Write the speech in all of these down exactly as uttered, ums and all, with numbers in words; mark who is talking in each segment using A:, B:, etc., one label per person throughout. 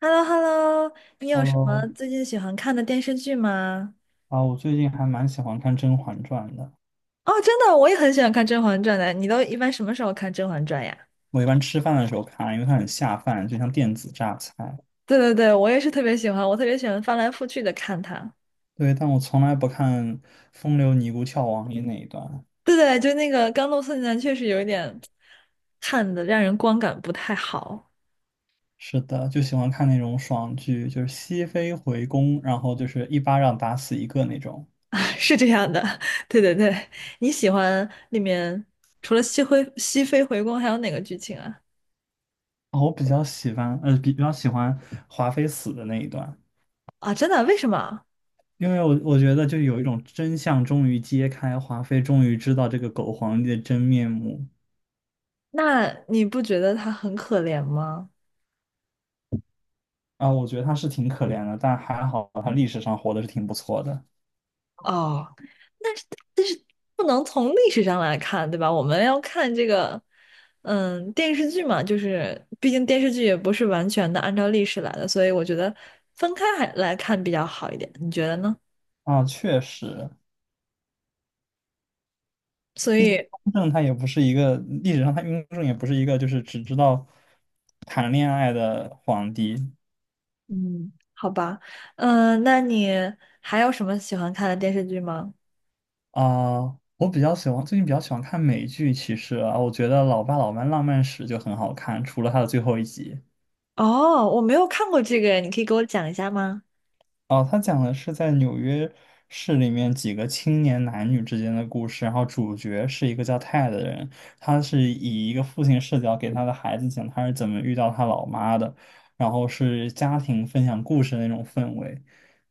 A: h e l l o h e l l o 你有什么
B: Hello，
A: 最近喜欢看的电视剧吗？
B: 啊，我最近还蛮喜欢看《甄嬛传》的。
A: 哦，真的，我也很喜欢看《甄嬛传》的。你都一般什么时候看《甄嬛传》呀？
B: 我一般吃饭的时候看，因为它很下饭，就像电子榨菜。
A: 对对对，我也是特别喜欢，我特别喜欢翻来覆去的看它。
B: 对，但我从来不看风流尼姑跳王爷那一段。
A: 对对，就那个《甘露寺女男》确实有一点看的让人观感不太好。
B: 是的，就喜欢看那种爽剧，就是熹妃回宫，然后就是一巴掌打死一个那种。
A: 是这样的。对对对，你喜欢里面除了熹妃熹妃回宫还有哪个剧情啊？
B: 啊，我比较喜欢，呃，比比较喜欢华妃死的那一段，
A: 啊，真的？为什么？
B: 因为我我觉得就有一种真相终于揭开，华妃终于知道这个狗皇帝的真面目。
A: 那你不觉得她很可怜吗？
B: 啊，我觉得他是挺可怜的，但还好他历史上活的是挺不错的。
A: 哦。不能从历史上来看，对吧？我们要看这个，嗯，电视剧嘛，就是毕竟电视剧也不是完全的按照历史来的，所以我觉得分开还来看比较好一点，你觉得呢？
B: 啊，确实，
A: 所
B: 毕竟
A: 以，
B: 雍正他也不是一个历史上他雍正也不是一个就是只知道谈恋爱的皇帝。
A: 嗯，好吧，嗯，那你还有什么喜欢看的电视剧吗？
B: 啊，我比较喜欢最近比较喜欢看美剧，其实啊，我觉得《老爸老妈浪漫史》就很好看，除了它的最后一集。
A: 哦，我没有看过这个，你可以给我讲一下吗？
B: 哦，他讲的是在纽约市里面几个青年男女之间的故事，然后主角是一个叫泰的人，他是以一个父亲视角给他的孩子讲他是怎么遇到他老妈的，然后是家庭分享故事的那种氛围。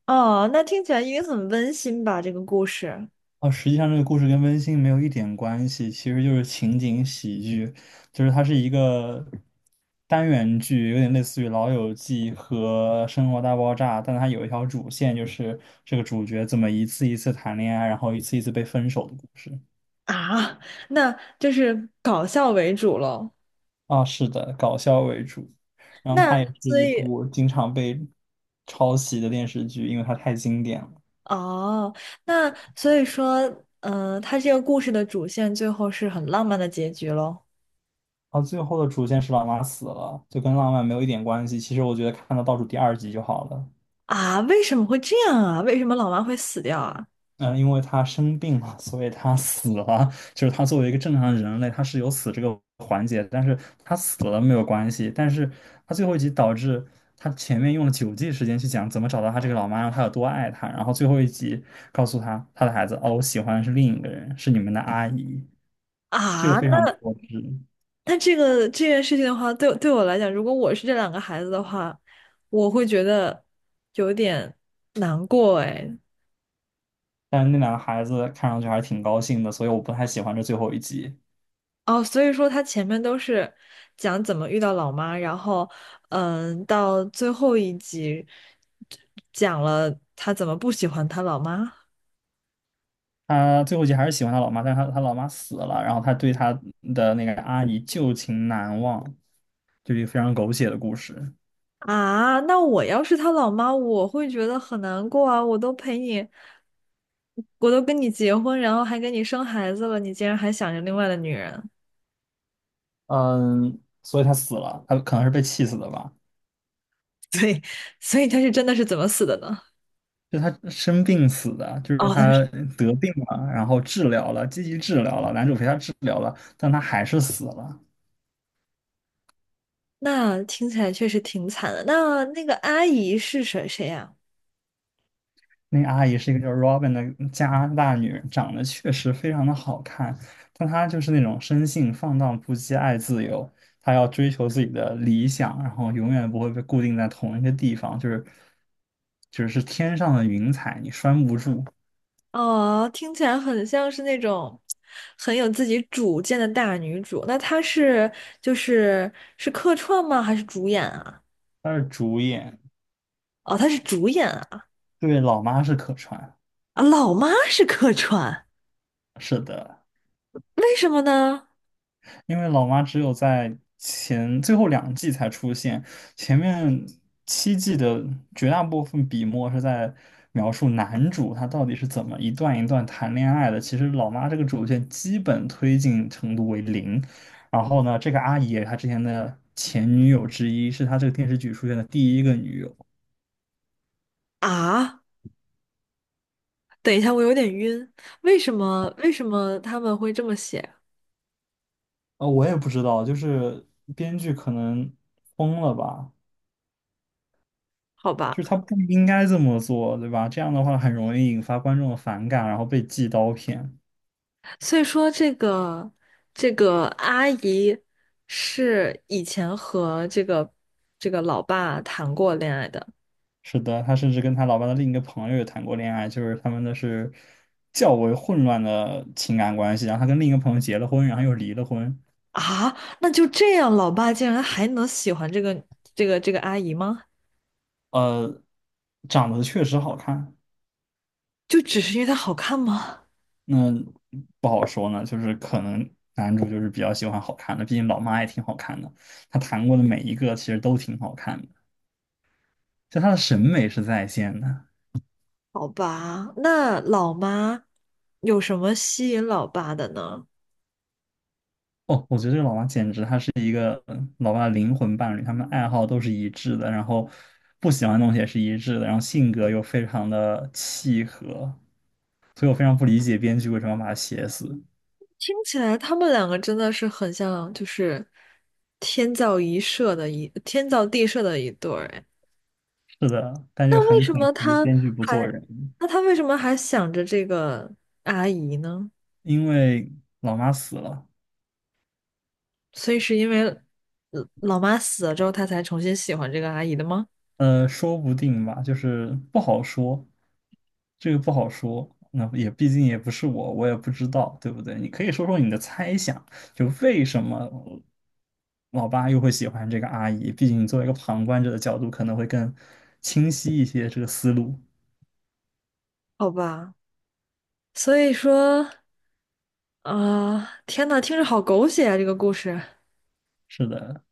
A: 哦，那听起来应该很温馨吧，这个故事。
B: 哦，实际上这个故事跟温馨没有一点关系，其实就是情景喜剧，就是它是一个单元剧，有点类似于《老友记》和《生活大爆炸》，但它有一条主线，就是这个主角怎么一次一次谈恋爱，然后一次一次被分手的故事。
A: 啊，那就是搞笑为主喽。
B: 啊，是的，搞笑为主，然后它
A: 那
B: 也是
A: 所
B: 一
A: 以，
B: 部经常被抄袭的电视剧，因为它太经典了。
A: 哦，那所以说，嗯、它这个故事的主线最后是很浪漫的结局喽。
B: 啊，最后的主线是老妈死了，就跟浪漫没有一点关系。其实我觉得看到倒数第二集就好了。
A: 啊，为什么会这样啊？为什么老妈会死掉啊？
B: 嗯，呃因为他生病了，所以他死了。就是他作为一个正常人类，他是有死这个环节，但是他死了没有关系。但是他最后一集导致他前面用了九季时间去讲怎么找到他这个老妈，让他有多爱她，然后最后一集告诉他他的孩子，哦，我喜欢的是另一个人，是你们的阿姨，这
A: 啊，
B: 个非常的
A: 那
B: 过分。
A: 那这个这件事情的话，对对我来讲，如果我是这两个孩子的话，我会觉得有点难过哎。
B: 但是那两个孩子看上去还是挺高兴的，所以我不太喜欢这最后一集。
A: 哦，所以说他前面都是讲怎么遇到老妈，然后嗯，到最后一集讲了他怎么不喜欢他老妈。
B: 他最后一集还是喜欢他老妈，但是他他老妈死了，然后他对他的那个阿姨旧情难忘，就是一个非常狗血的故事。
A: 啊，那我要是他老妈，我会觉得很难过啊！我都陪你，我都跟你结婚，然后还给你生孩子了，你竟然还想着另外的女人。
B: 嗯，所以他死了，他可能是被气死的吧？
A: 对，所以他是真的是怎么死的呢？
B: 就他生病死的，就是
A: 哦，他是
B: 他得病了，然后治疗了，积极治疗了，男主陪他治疗了，但他还是死了。
A: 那听起来确实挺惨的。那那个阿姨是谁谁呀、
B: 那个阿姨是一个叫 Robin 的加拿大女人，长得确实非常的好看，但她就是那种生性放荡不羁、爱自由，她要追求自己的理想，然后永远不会被固定在同一个地方，就是就是天上的云彩，你拴不住。
A: 哦，听起来很像是那种很有自己主见的大女主。那她是就是是客串吗？还是主演啊？
B: 她是主演，
A: 哦，她是主演啊！
B: 对，老妈是可川，
A: 啊，老妈是客串。
B: 是的。
A: 为什么呢？
B: 因为老妈只有在前最后两季才出现，前面七季的绝大部分笔墨是在描述男主他到底是怎么一段一段谈恋爱的。其实老妈这个主线基本推进程度为零。然后呢，这个阿姨她之前的前女友之一，是她这个电视剧出现的第一个女友。
A: 啊，等一下，我有点晕。为什么？为什么他们会这么写？
B: 呃，我也不知道，就是编剧可能疯了吧。
A: 好吧，
B: 就是他不应该这么做，对吧？这样的话很容易引发观众的反感，然后被寄刀片。
A: 所以说这个这个阿姨是以前和这个这个老爸谈过恋爱的。
B: 是的，他甚至跟他老爸的另一个朋友也谈过恋爱，就是他们的是较为混乱的情感关系。然后他跟另一个朋友结了婚，然后又离了婚。
A: 啊？那就这样，老爸竟然还能喜欢这个这个这个阿姨吗？
B: 呃，长得确实好看，
A: 就只是因为她好看吗？
B: 那不好说呢，就是可能男主就是比较喜欢好看的，毕竟老妈也挺好看的，他谈过的每一个其实都挺好看的，就他的审美是在线的。
A: 好吧，那老妈有什么吸引老爸的呢？
B: 哦，我觉得这个老妈简直她是一个嗯老爸的灵魂伴侣，他们爱好都是一致的，然后不喜欢的东西也是一致的，然后性格又非常的契合，所以我非常不理解编剧为什么要把它写死。
A: 听起来他们两个真的是很像，就是天造一设的一天造地设的一对儿。哎，
B: 是的，但就
A: 那为
B: 很
A: 什
B: 可
A: 么
B: 惜，
A: 他
B: 编剧不做
A: 还
B: 人，
A: 那他为什么还想着这个阿姨呢？
B: 因为老妈死了，
A: 所以是因为呃老妈死了之后，他才重新喜欢这个阿姨的吗？
B: 呃，说不定吧，就是不好说，这个不好说。那也毕竟也不是我，我也不知道，对不对？你可以说说你的猜想，就为什么老爸又会喜欢这个阿姨？毕竟你作为一个旁观者的角度，可能会更清晰一些这个思路。
A: 好吧，所以说啊、天呐，听着好狗血啊，这个故事。
B: 是的，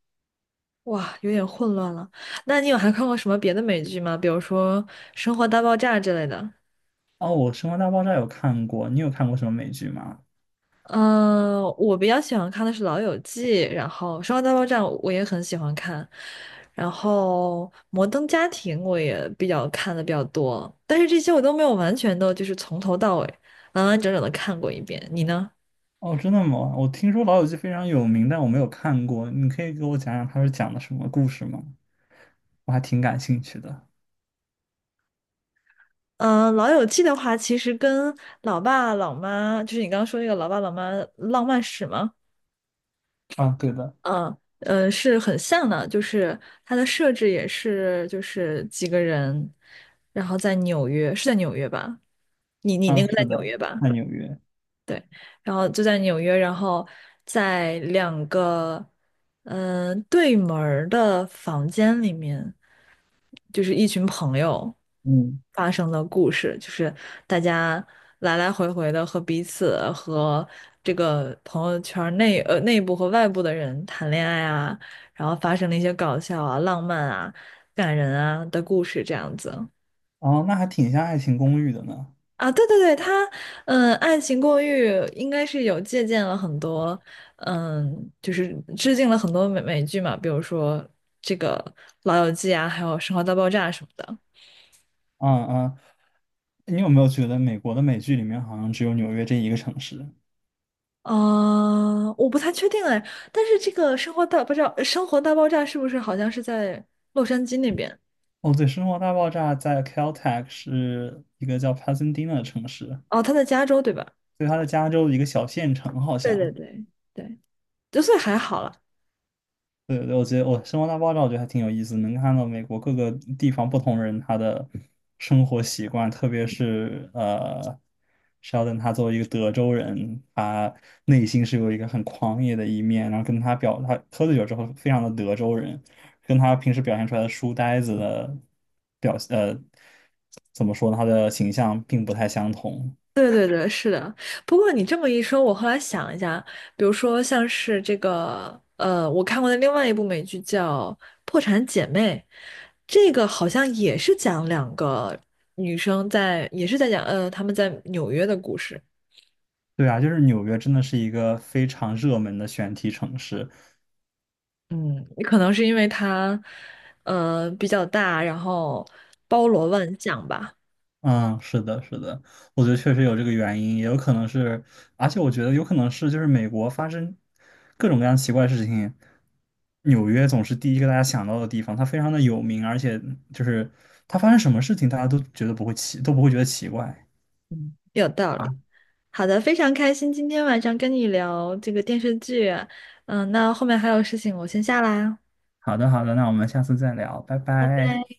A: 哇，有点混乱了。那你有还看过什么别的美剧吗？比如说《生活大爆炸》之类的？
B: 哦，我《生活大爆炸》有看过，你有看过什么美剧吗？
A: 嗯，我比较喜欢看的是《老友记》，然后《生活大爆炸》我也很喜欢看，然后《摩登家庭》我也比较看的比较多，但是这些我都没有完全的，就是从头到尾完完整整的看过一遍。你呢？
B: 哦，真的吗？我听说《老友记》非常有名，但我没有看过。你可以给我讲讲它是讲的什么故事吗？我还挺感兴趣的。
A: 嗯、呃老友记》的话，其实跟《老爸老妈》，就是你刚刚说那个《老爸老妈浪漫史》吗？
B: 啊，对的。
A: 嗯，呃，是很像的，就是它的设置也是，就是几个人，然后在纽约，是在纽约吧？你你那个
B: 嗯，
A: 在
B: 是
A: 纽
B: 的，
A: 约吧？
B: 在纽约。
A: 对，然后就在纽约，然后在两个嗯、呃对门儿的房间里面，就是一群朋友
B: 嗯，
A: 发生的故事，就是大家来来回回的和彼此和这个朋友圈儿内呃内部和外部的人谈恋爱啊，然后发生了一些搞笑啊、浪漫啊、感人啊的故事，这样子。
B: 哦，那还挺像《爱情公寓》的呢。
A: 啊，对对对，他，嗯，《爱情公寓》应该是有借鉴了很多，嗯，就是致敬了很多美美剧嘛，比如说这个《老友记》啊，还有《生活大爆炸》什么的。
B: 嗯嗯，你有没有觉得美国的美剧里面好像只有纽约这一个城市？
A: 啊，我不太确定哎，但是这个《生活大爆炸》《生活大爆炸》是不是好像是在洛杉矶那边？
B: 哦，对，《生活大爆炸》在 Caltech 是一个叫 Pasadena 的城市，
A: 哦，他在加州对吧？
B: 所以它在加州的一个小县城好
A: 对对
B: 像。
A: 对对，就所以还好了。
B: 对对，我觉得我《生活大爆炸》我觉得还挺有意思，能看到美国各个地方不同人他的生活习惯，特别是呃，Sheldon 他作为一个德州人，他内心是有一个很狂野的一面，然后跟他表他喝醉酒之后非常的德州人，跟他平时表现出来的书呆子的表呃怎么说呢，他的形象并不太相同。
A: 对对对，是的。不过你这么一说，我后来想一下，比如说像是这个，呃，我看过的另外一部美剧叫《破产姐妹》，这个好像也是讲两个女生在，也是在讲，呃，她们在纽约的故事。
B: 对啊，就是纽约真的是一个非常热门的选题城市。
A: 嗯，可能是因为它，呃，比较大，然后包罗万象吧。
B: 嗯，是的，是的，我觉得确实有这个原因，也有可能是，而且我觉得有可能是，就是美国发生各种各样奇怪的事情，纽约总是第一个大家想到的地方，它非常的有名，而且就是它发生什么事情，大家都觉得不会奇，都不会觉得奇怪。
A: 嗯，有道理。
B: 啊，
A: 好的，非常开心今天晚上跟你聊这个电视剧啊。嗯，那后面还有事情，我先下啦。
B: 好的，好的，那我们下次再聊，拜
A: 拜
B: 拜。
A: 拜。